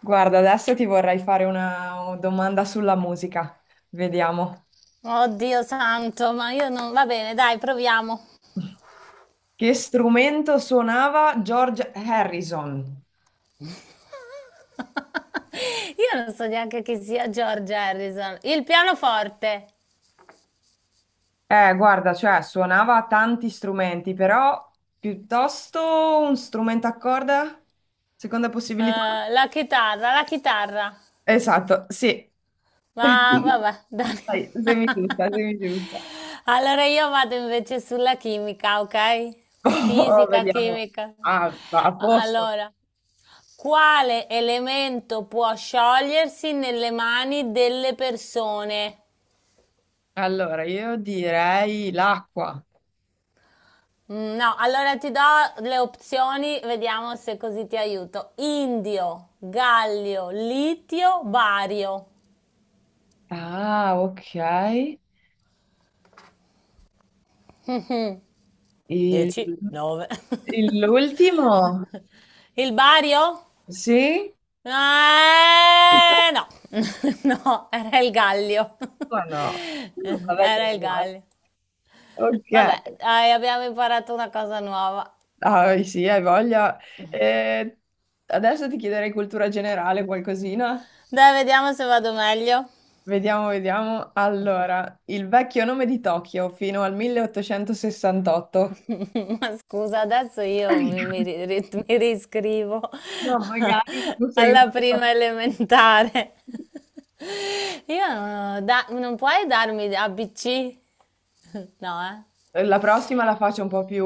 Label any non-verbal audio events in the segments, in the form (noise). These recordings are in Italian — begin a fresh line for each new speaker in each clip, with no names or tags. Guarda, adesso ti vorrei fare una domanda sulla musica. Vediamo.
Oddio santo, ma io non... Va bene, dai, proviamo.
Che strumento suonava George Harrison?
(laughs) Io non so neanche chi sia George Harrison. Il pianoforte,
Guarda, cioè suonava tanti strumenti, però piuttosto un strumento a corda? Seconda possibilità?
la chitarra, la chitarra.
Esatto, sì.
Ma
(laughs)
vabbè, dai.
Dai, semi giusta,
(laughs)
semi giusta.
Allora io vado invece sulla chimica, ok?
Oh,
Fisica,
vediamo.
chimica.
Ah, va a posto.
Allora, quale elemento può sciogliersi nelle mani delle persone?
Allora, io direi l'acqua.
No, allora ti do le opzioni, vediamo se così ti aiuto. Indio, gallio, litio, bario.
Ah, ok. E
10, 9.
l'ultimo?
(laughs) Il bario?
Sì?
No, (laughs) no, era il gallio. (laughs)
O no? Vabbè, te
Era
lo
il
guardo.
gallio.
Ok.
Vabbè, dai, abbiamo imparato una cosa nuova.
Ah, sì, hai voglia. Eh, adesso ti chiederei cultura generale, qualcosina.
Dai, vediamo se vado meglio.
Vediamo, vediamo. Allora, il vecchio nome di Tokyo fino al 1868.
Scusa, adesso io mi riscrivo
No, magari tu
(laughs)
sei
alla
una...
prima elementare. (laughs) Io non, ho da- Non puoi darmi ABC? (laughs) No, eh?
La prossima la faccio un po' più...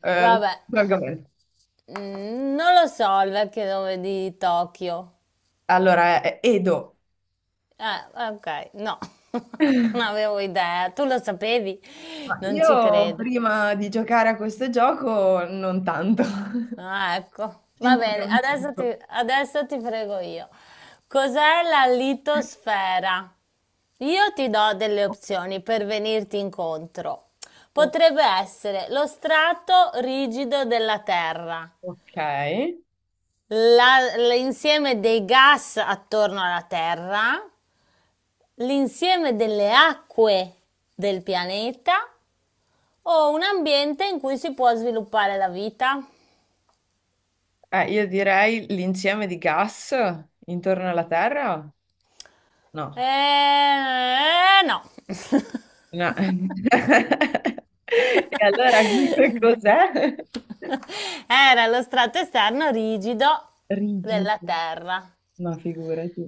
Vabbè.
argomento.
Non lo so il vecchio nome di Tokyo.
Allora, è Edo.
Eh, ok, no, (laughs) non avevo idea. Tu lo sapevi?
Ma
Non ci
io
credo.
prima di giocare a questo gioco non tanto,
Ah, ecco.
(laughs) si
Va
impara
bene,
un sacco.
adesso ti frego io. Cos'è la litosfera? Io ti do delle
O-
opzioni per venirti incontro.
o-
Potrebbe essere lo strato rigido della Terra,
Ok.
l'insieme dei gas attorno alla Terra, l'insieme delle acque del pianeta o un ambiente in cui si può sviluppare la vita.
Io direi l'insieme di gas intorno alla Terra? No.
No. (laughs)
No. (laughs) E allora (laughs)
(laughs)
cos'è?
Era lo strato esterno rigido della
Rigido,
terra.
ma figurati.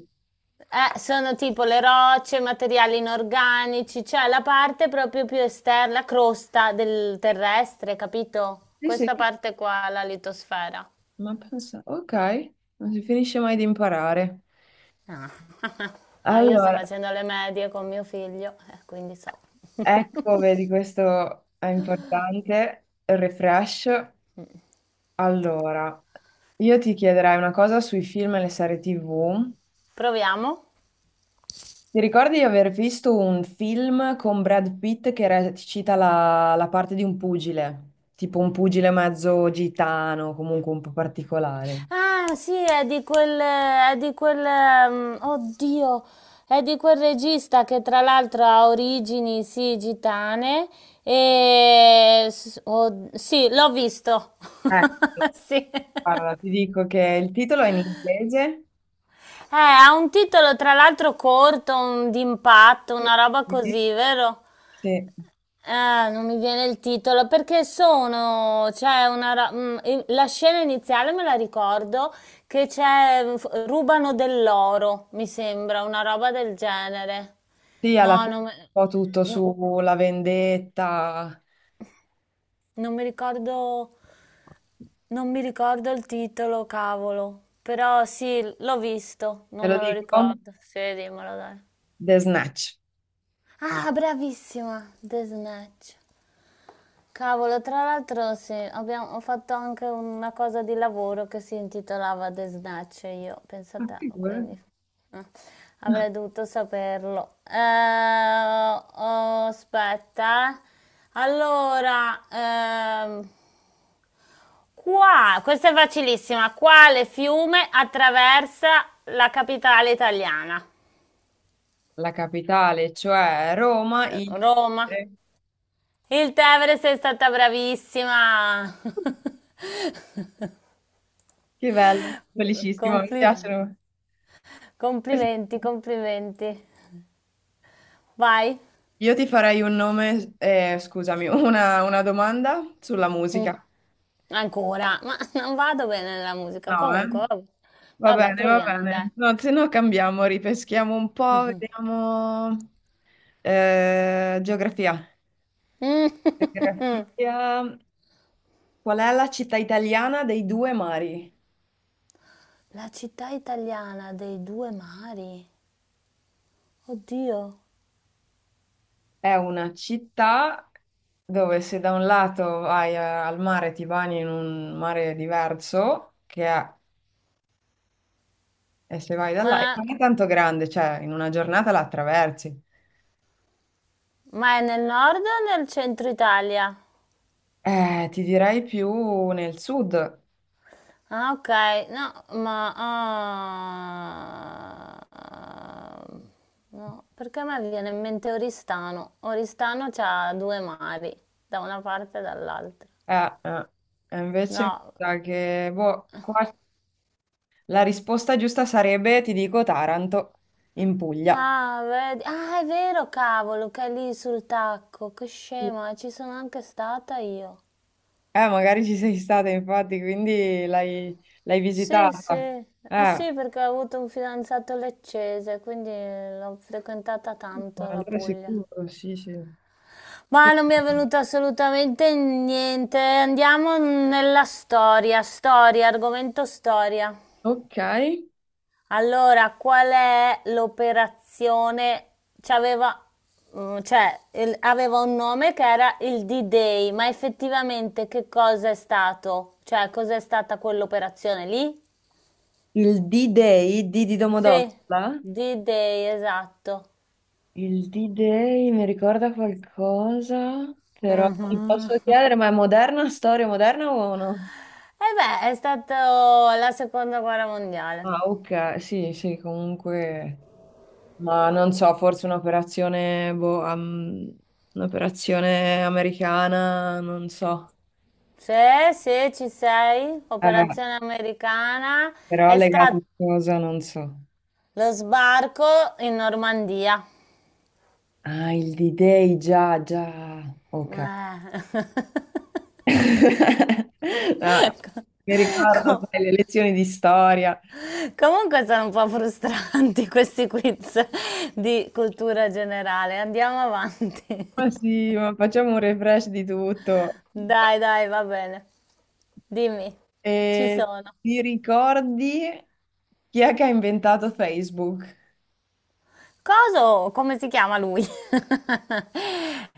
Sono tipo le rocce, materiali inorganici, cioè la parte proprio più esterna, la crosta del terrestre, capito?
Sì, sì,
Questa parte qua, la litosfera.
ma pensa, ok, non si finisce mai di imparare.
Ah. (laughs) Ah, io sto
Allora,
facendo le medie con mio figlio, quindi so.
ecco, vedi, questo è importante. Refresh. Allora, io ti chiederei una cosa sui film e le serie TV.
(laughs) Proviamo.
Ti ricordi di aver visto un film con Brad Pitt che recita la parte di un pugile? Tipo un pugile mezzo gitano, comunque un po' particolare.
Ah, sì, oddio, è di quel regista che tra l'altro ha origini, sì, gitane e sì, l'ho visto.
Ecco,
(laughs) Sì.
guarda, ti dico che il titolo è in inglese.
Ha un titolo tra l'altro corto, d'impatto,
Sì,
una roba così, vero?
sì,
Ah, non mi viene il titolo perché sono, c'è una, ra- mm, i- la scena iniziale me la ricordo che rubano dell'oro, mi sembra, una roba del genere.
sì, alla
No,
fine
non, me-
un po' tutto
no,
sulla vendetta.
non mi ricordo, non mi ricordo il titolo, cavolo. Però sì, l'ho visto,
Te
non
lo
me lo
dico?
ricordo. Sì, dimmelo, dai.
The Snatch.
Ah, bravissima, The Snatch. Cavolo, tra l'altro sì, ho fatto anche una cosa di lavoro che si intitolava The Snatch, io, penso a
Ma
te,
figurati.
quindi eh, avrei dovuto saperlo. Oh, aspetta. Allora, qua, questa è facilissima, quale fiume attraversa la capitale italiana?
La capitale, cioè Roma, il...
Roma. Il Tevere sei stata bravissima.
Che bello,
(laughs)
felicissimo, mi
Complimenti.
piacciono.
Complimenti, complimenti. Vai?
Io ti farei un nome, scusami, una domanda sulla
Mm,
musica.
Ancora, ma non vado bene nella musica.
No, eh?
Comunque, vabbè.
Va
Vabbè,
bene, va
proviamo, dai.
bene. No, se no cambiamo, ripeschiamo un po', vediamo... geografia.
Mm.
Geografia. Qual è la città italiana dei due mari?
La città italiana dei due mari. Oddio.
È una città dove se da un lato vai al mare ti bagni in un mare diverso, che è, e se vai da là, e
Ma,
non è tanto grande, cioè in una giornata la attraversi.
ma è nel nord o nel centro Italia?
Ti direi più nel sud.
Ah, ok. No, ma... ah, ah, no, perché a me viene in mente Oristano. Oristano c'ha due mari, da una parte e dall'altra.
Eh, eh, e invece mi
No.
sa che boh, qua la risposta giusta sarebbe, ti dico, Taranto, in Puglia.
Ah, vedi. Ah, è vero, cavolo, che è lì sul tacco. Che scema, ci sono anche stata io.
Magari ci sei stata infatti, quindi l'hai
Sì, sì.
visitata.
Eh
Eh.
sì, perché ho avuto un fidanzato leccese, quindi l'ho frequentata
Ma
tanto la
allora è
Puglia.
sicuro, sì, sì. Che
Ma non mi è
palle.
venuto assolutamente niente. Andiamo nella storia, storia, argomento storia.
Ok.
Allora, qual è l'operazione? C'aveva, cioè, aveva un nome che era il D-Day, ma effettivamente che cosa è stato? Cioè, cos'è stata quell'operazione lì?
Il D-Day, D di
Sì,
Domodossola?
D-Day, esatto.
Il D-Day mi ricorda qualcosa, però ti
Mhm.
posso
(laughs)
chiedere, ma è moderna, storia moderna o no?
E beh, è stata la seconda guerra mondiale.
Ah, ok, sì, sì, comunque, ma non so, forse un'operazione, boh, un'operazione americana, non so.
Sì, sì, ci sei.
Eh,
Operazione americana.
però
È
legata
stato
a cosa, non so.
lo sbarco in Normandia.
Ah, il D-Day, già, già, ok.
Eh. (laughs)
(laughs) No,
Co-
mi ricordo
co-
sai, le lezioni di storia.
comunque sono un po' frustranti (laughs) questi quiz di cultura generale. Andiamo avanti.
Ma
(laughs)
sì, ma facciamo un refresh di tutto.
Dai, dai, va bene. Dimmi, ci
E
sono.
ti ricordi chi è che ha inventato Facebook?
Coso, come si chiama lui? (laughs)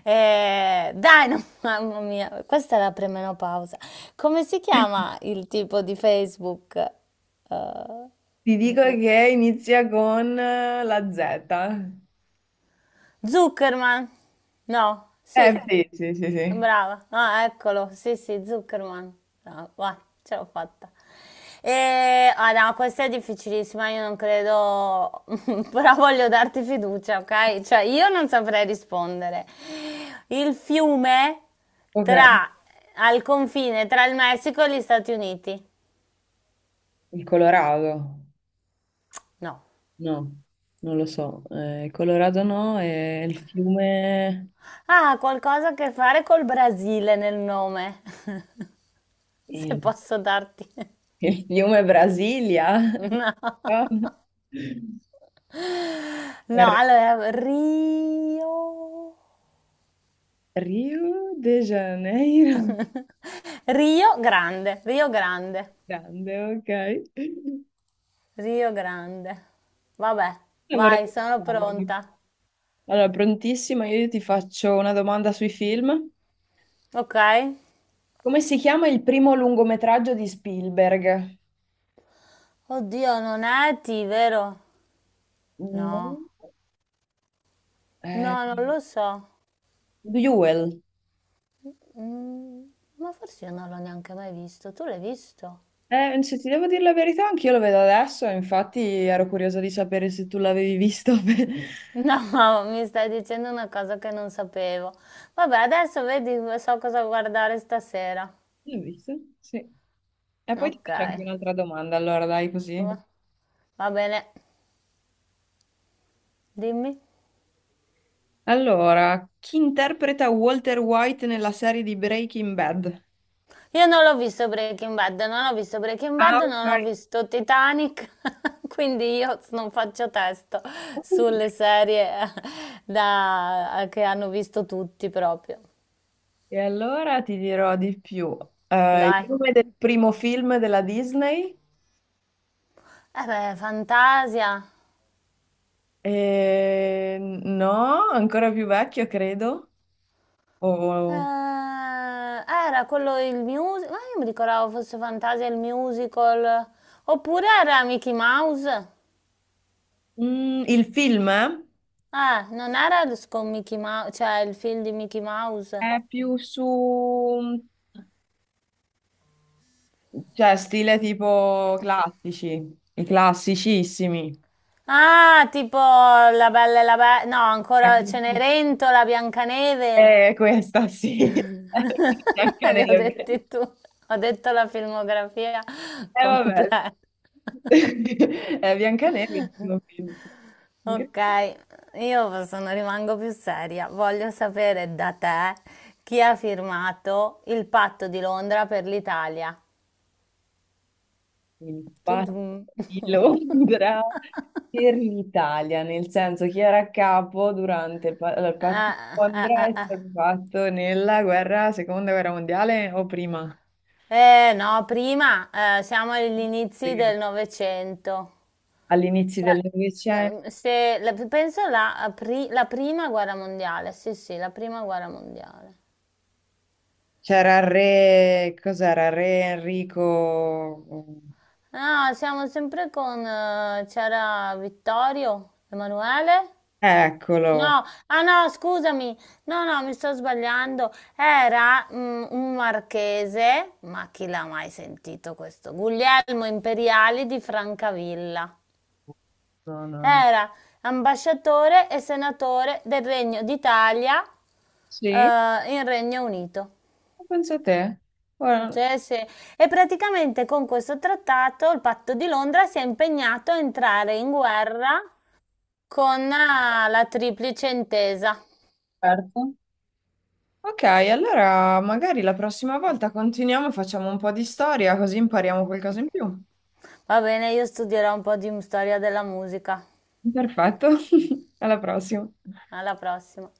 Dai, no, (laughs) mamma mia, questa è la premenopausa. Come si chiama il tipo di Facebook? Eh,
Ti dico che inizia con la Z.
Zuckerman? No,
Eh
sì.
sì, sì, sì, sì.
Brava, ah eccolo, sì sì, Zuckerman, brava, vai, ce l'ho fatta. E, ah no, questa è difficilissima, io non credo, (laughs) però voglio darti fiducia, ok? Cioè io non saprei rispondere. Il fiume
Ok.
tra, al confine tra il Messico e gli Stati Uniti?
Il Colorado?
No.
No, non lo so. Il Colorado no, è il fiume...
Ah, qualcosa a che fare col Brasile nel nome, (laughs) se
eh,
posso darti. (laughs)
Il fiume Brasilia?
No.
No. (laughs)
No,
Ar-
allora Rio
Rio de Janeiro.
(laughs) Rio Grande, Rio Grande,
Grande, ok.
Rio Grande. Vabbè,
Allora,
vai,
vorrei
sono
pensarmi.
pronta.
Allora, prontissima, io ti faccio una domanda sui film.
Ok?
Come si chiama il primo lungometraggio di Spielberg?
Oddio, non è T, vero?
No.
No, no,
Eh,
non lo so.
Duel.
Mm, ma forse io non l'ho neanche mai visto. Tu l'hai visto?
Se ti devo dire la verità, anch'io lo vedo adesso, infatti ero curiosa di sapere se tu l'avevi visto. (laughs) L'hai
No, (laughs) mi stai dicendo una cosa che non sapevo. Vabbè, adesso vedi, so cosa guardare stasera.
visto? Sì. E poi ti
Ok.
faccio anche un'altra domanda, allora dai così.
Va- Va bene, dimmi.
Allora, chi interpreta Walter White nella serie di Breaking Bad?
Io non l'ho visto Breaking Bad, non ho visto Breaking
Ah,
Bad,
ok.
non ho visto Titanic, (laughs) quindi io non faccio testo sulle serie che hanno visto tutti proprio.
E allora ti dirò di più. Il
Dai.
nome del primo film della Disney?
Eh beh, Fantasia.
No, ancora più vecchio, credo. O-
Era quello il musical, ma io mi ricordavo fosse Fantasia il musical, oppure era Mickey Mouse.
Mm, il film
Non era con Mickey Mouse, cioè il film di Mickey Mouse.
è più su, cioè, stile tipo classici, i classicissimi.
Ah, tipo la Bella e no, ancora Cenerentola, Biancaneve.
È questa, sì. (laughs)
(laughs) Le ho
Biancaneve.
dette tu. Ho detto la filmografia
Vabbè.
completa.
(laughs) È Biancaneve, il primo film.
Ok,
Incredibile.
io sono, rimango più seria. Voglio sapere da te chi ha firmato il patto di Londra per l'Italia. Tudum.
Infatti,
(laughs)
Londra per l'Italia, nel senso chi era a capo durante il allora, il patto di
Eh, eh,
Londra è
eh,
stato fatto nella guerra, seconda guerra mondiale o prima?
no, prima siamo agli inizi
Prima.
del Novecento.
All'inizio
Cioè,
del Novecento
no, se, la- penso la prima guerra mondiale, sì, sì, la prima guerra mondiale.
c'era il re, cos'era? Re Enrico.
Ah, siamo sempre con, c'era Vittorio, Emanuele?
Eccolo.
No, ah no, scusami, no, no, mi sto sbagliando. Era un marchese, ma chi l'ha mai sentito questo? Guglielmo Imperiali di Francavilla.
No, no, no.
Era ambasciatore e senatore del Regno d'Italia, eh,
Sì,
in Regno Unito.
ma pensa a te. Guarda,
Cioè, se- E praticamente con questo trattato il patto di Londra si è impegnato a entrare in guerra con la Triplice Intesa.
certo. Ok, allora magari la prossima volta continuiamo e facciamo un po' di storia, così impariamo qualcosa in più.
Va bene, io studierò un po' di storia della musica.
Perfetto. (laughs) Alla prossima.
Alla prossima.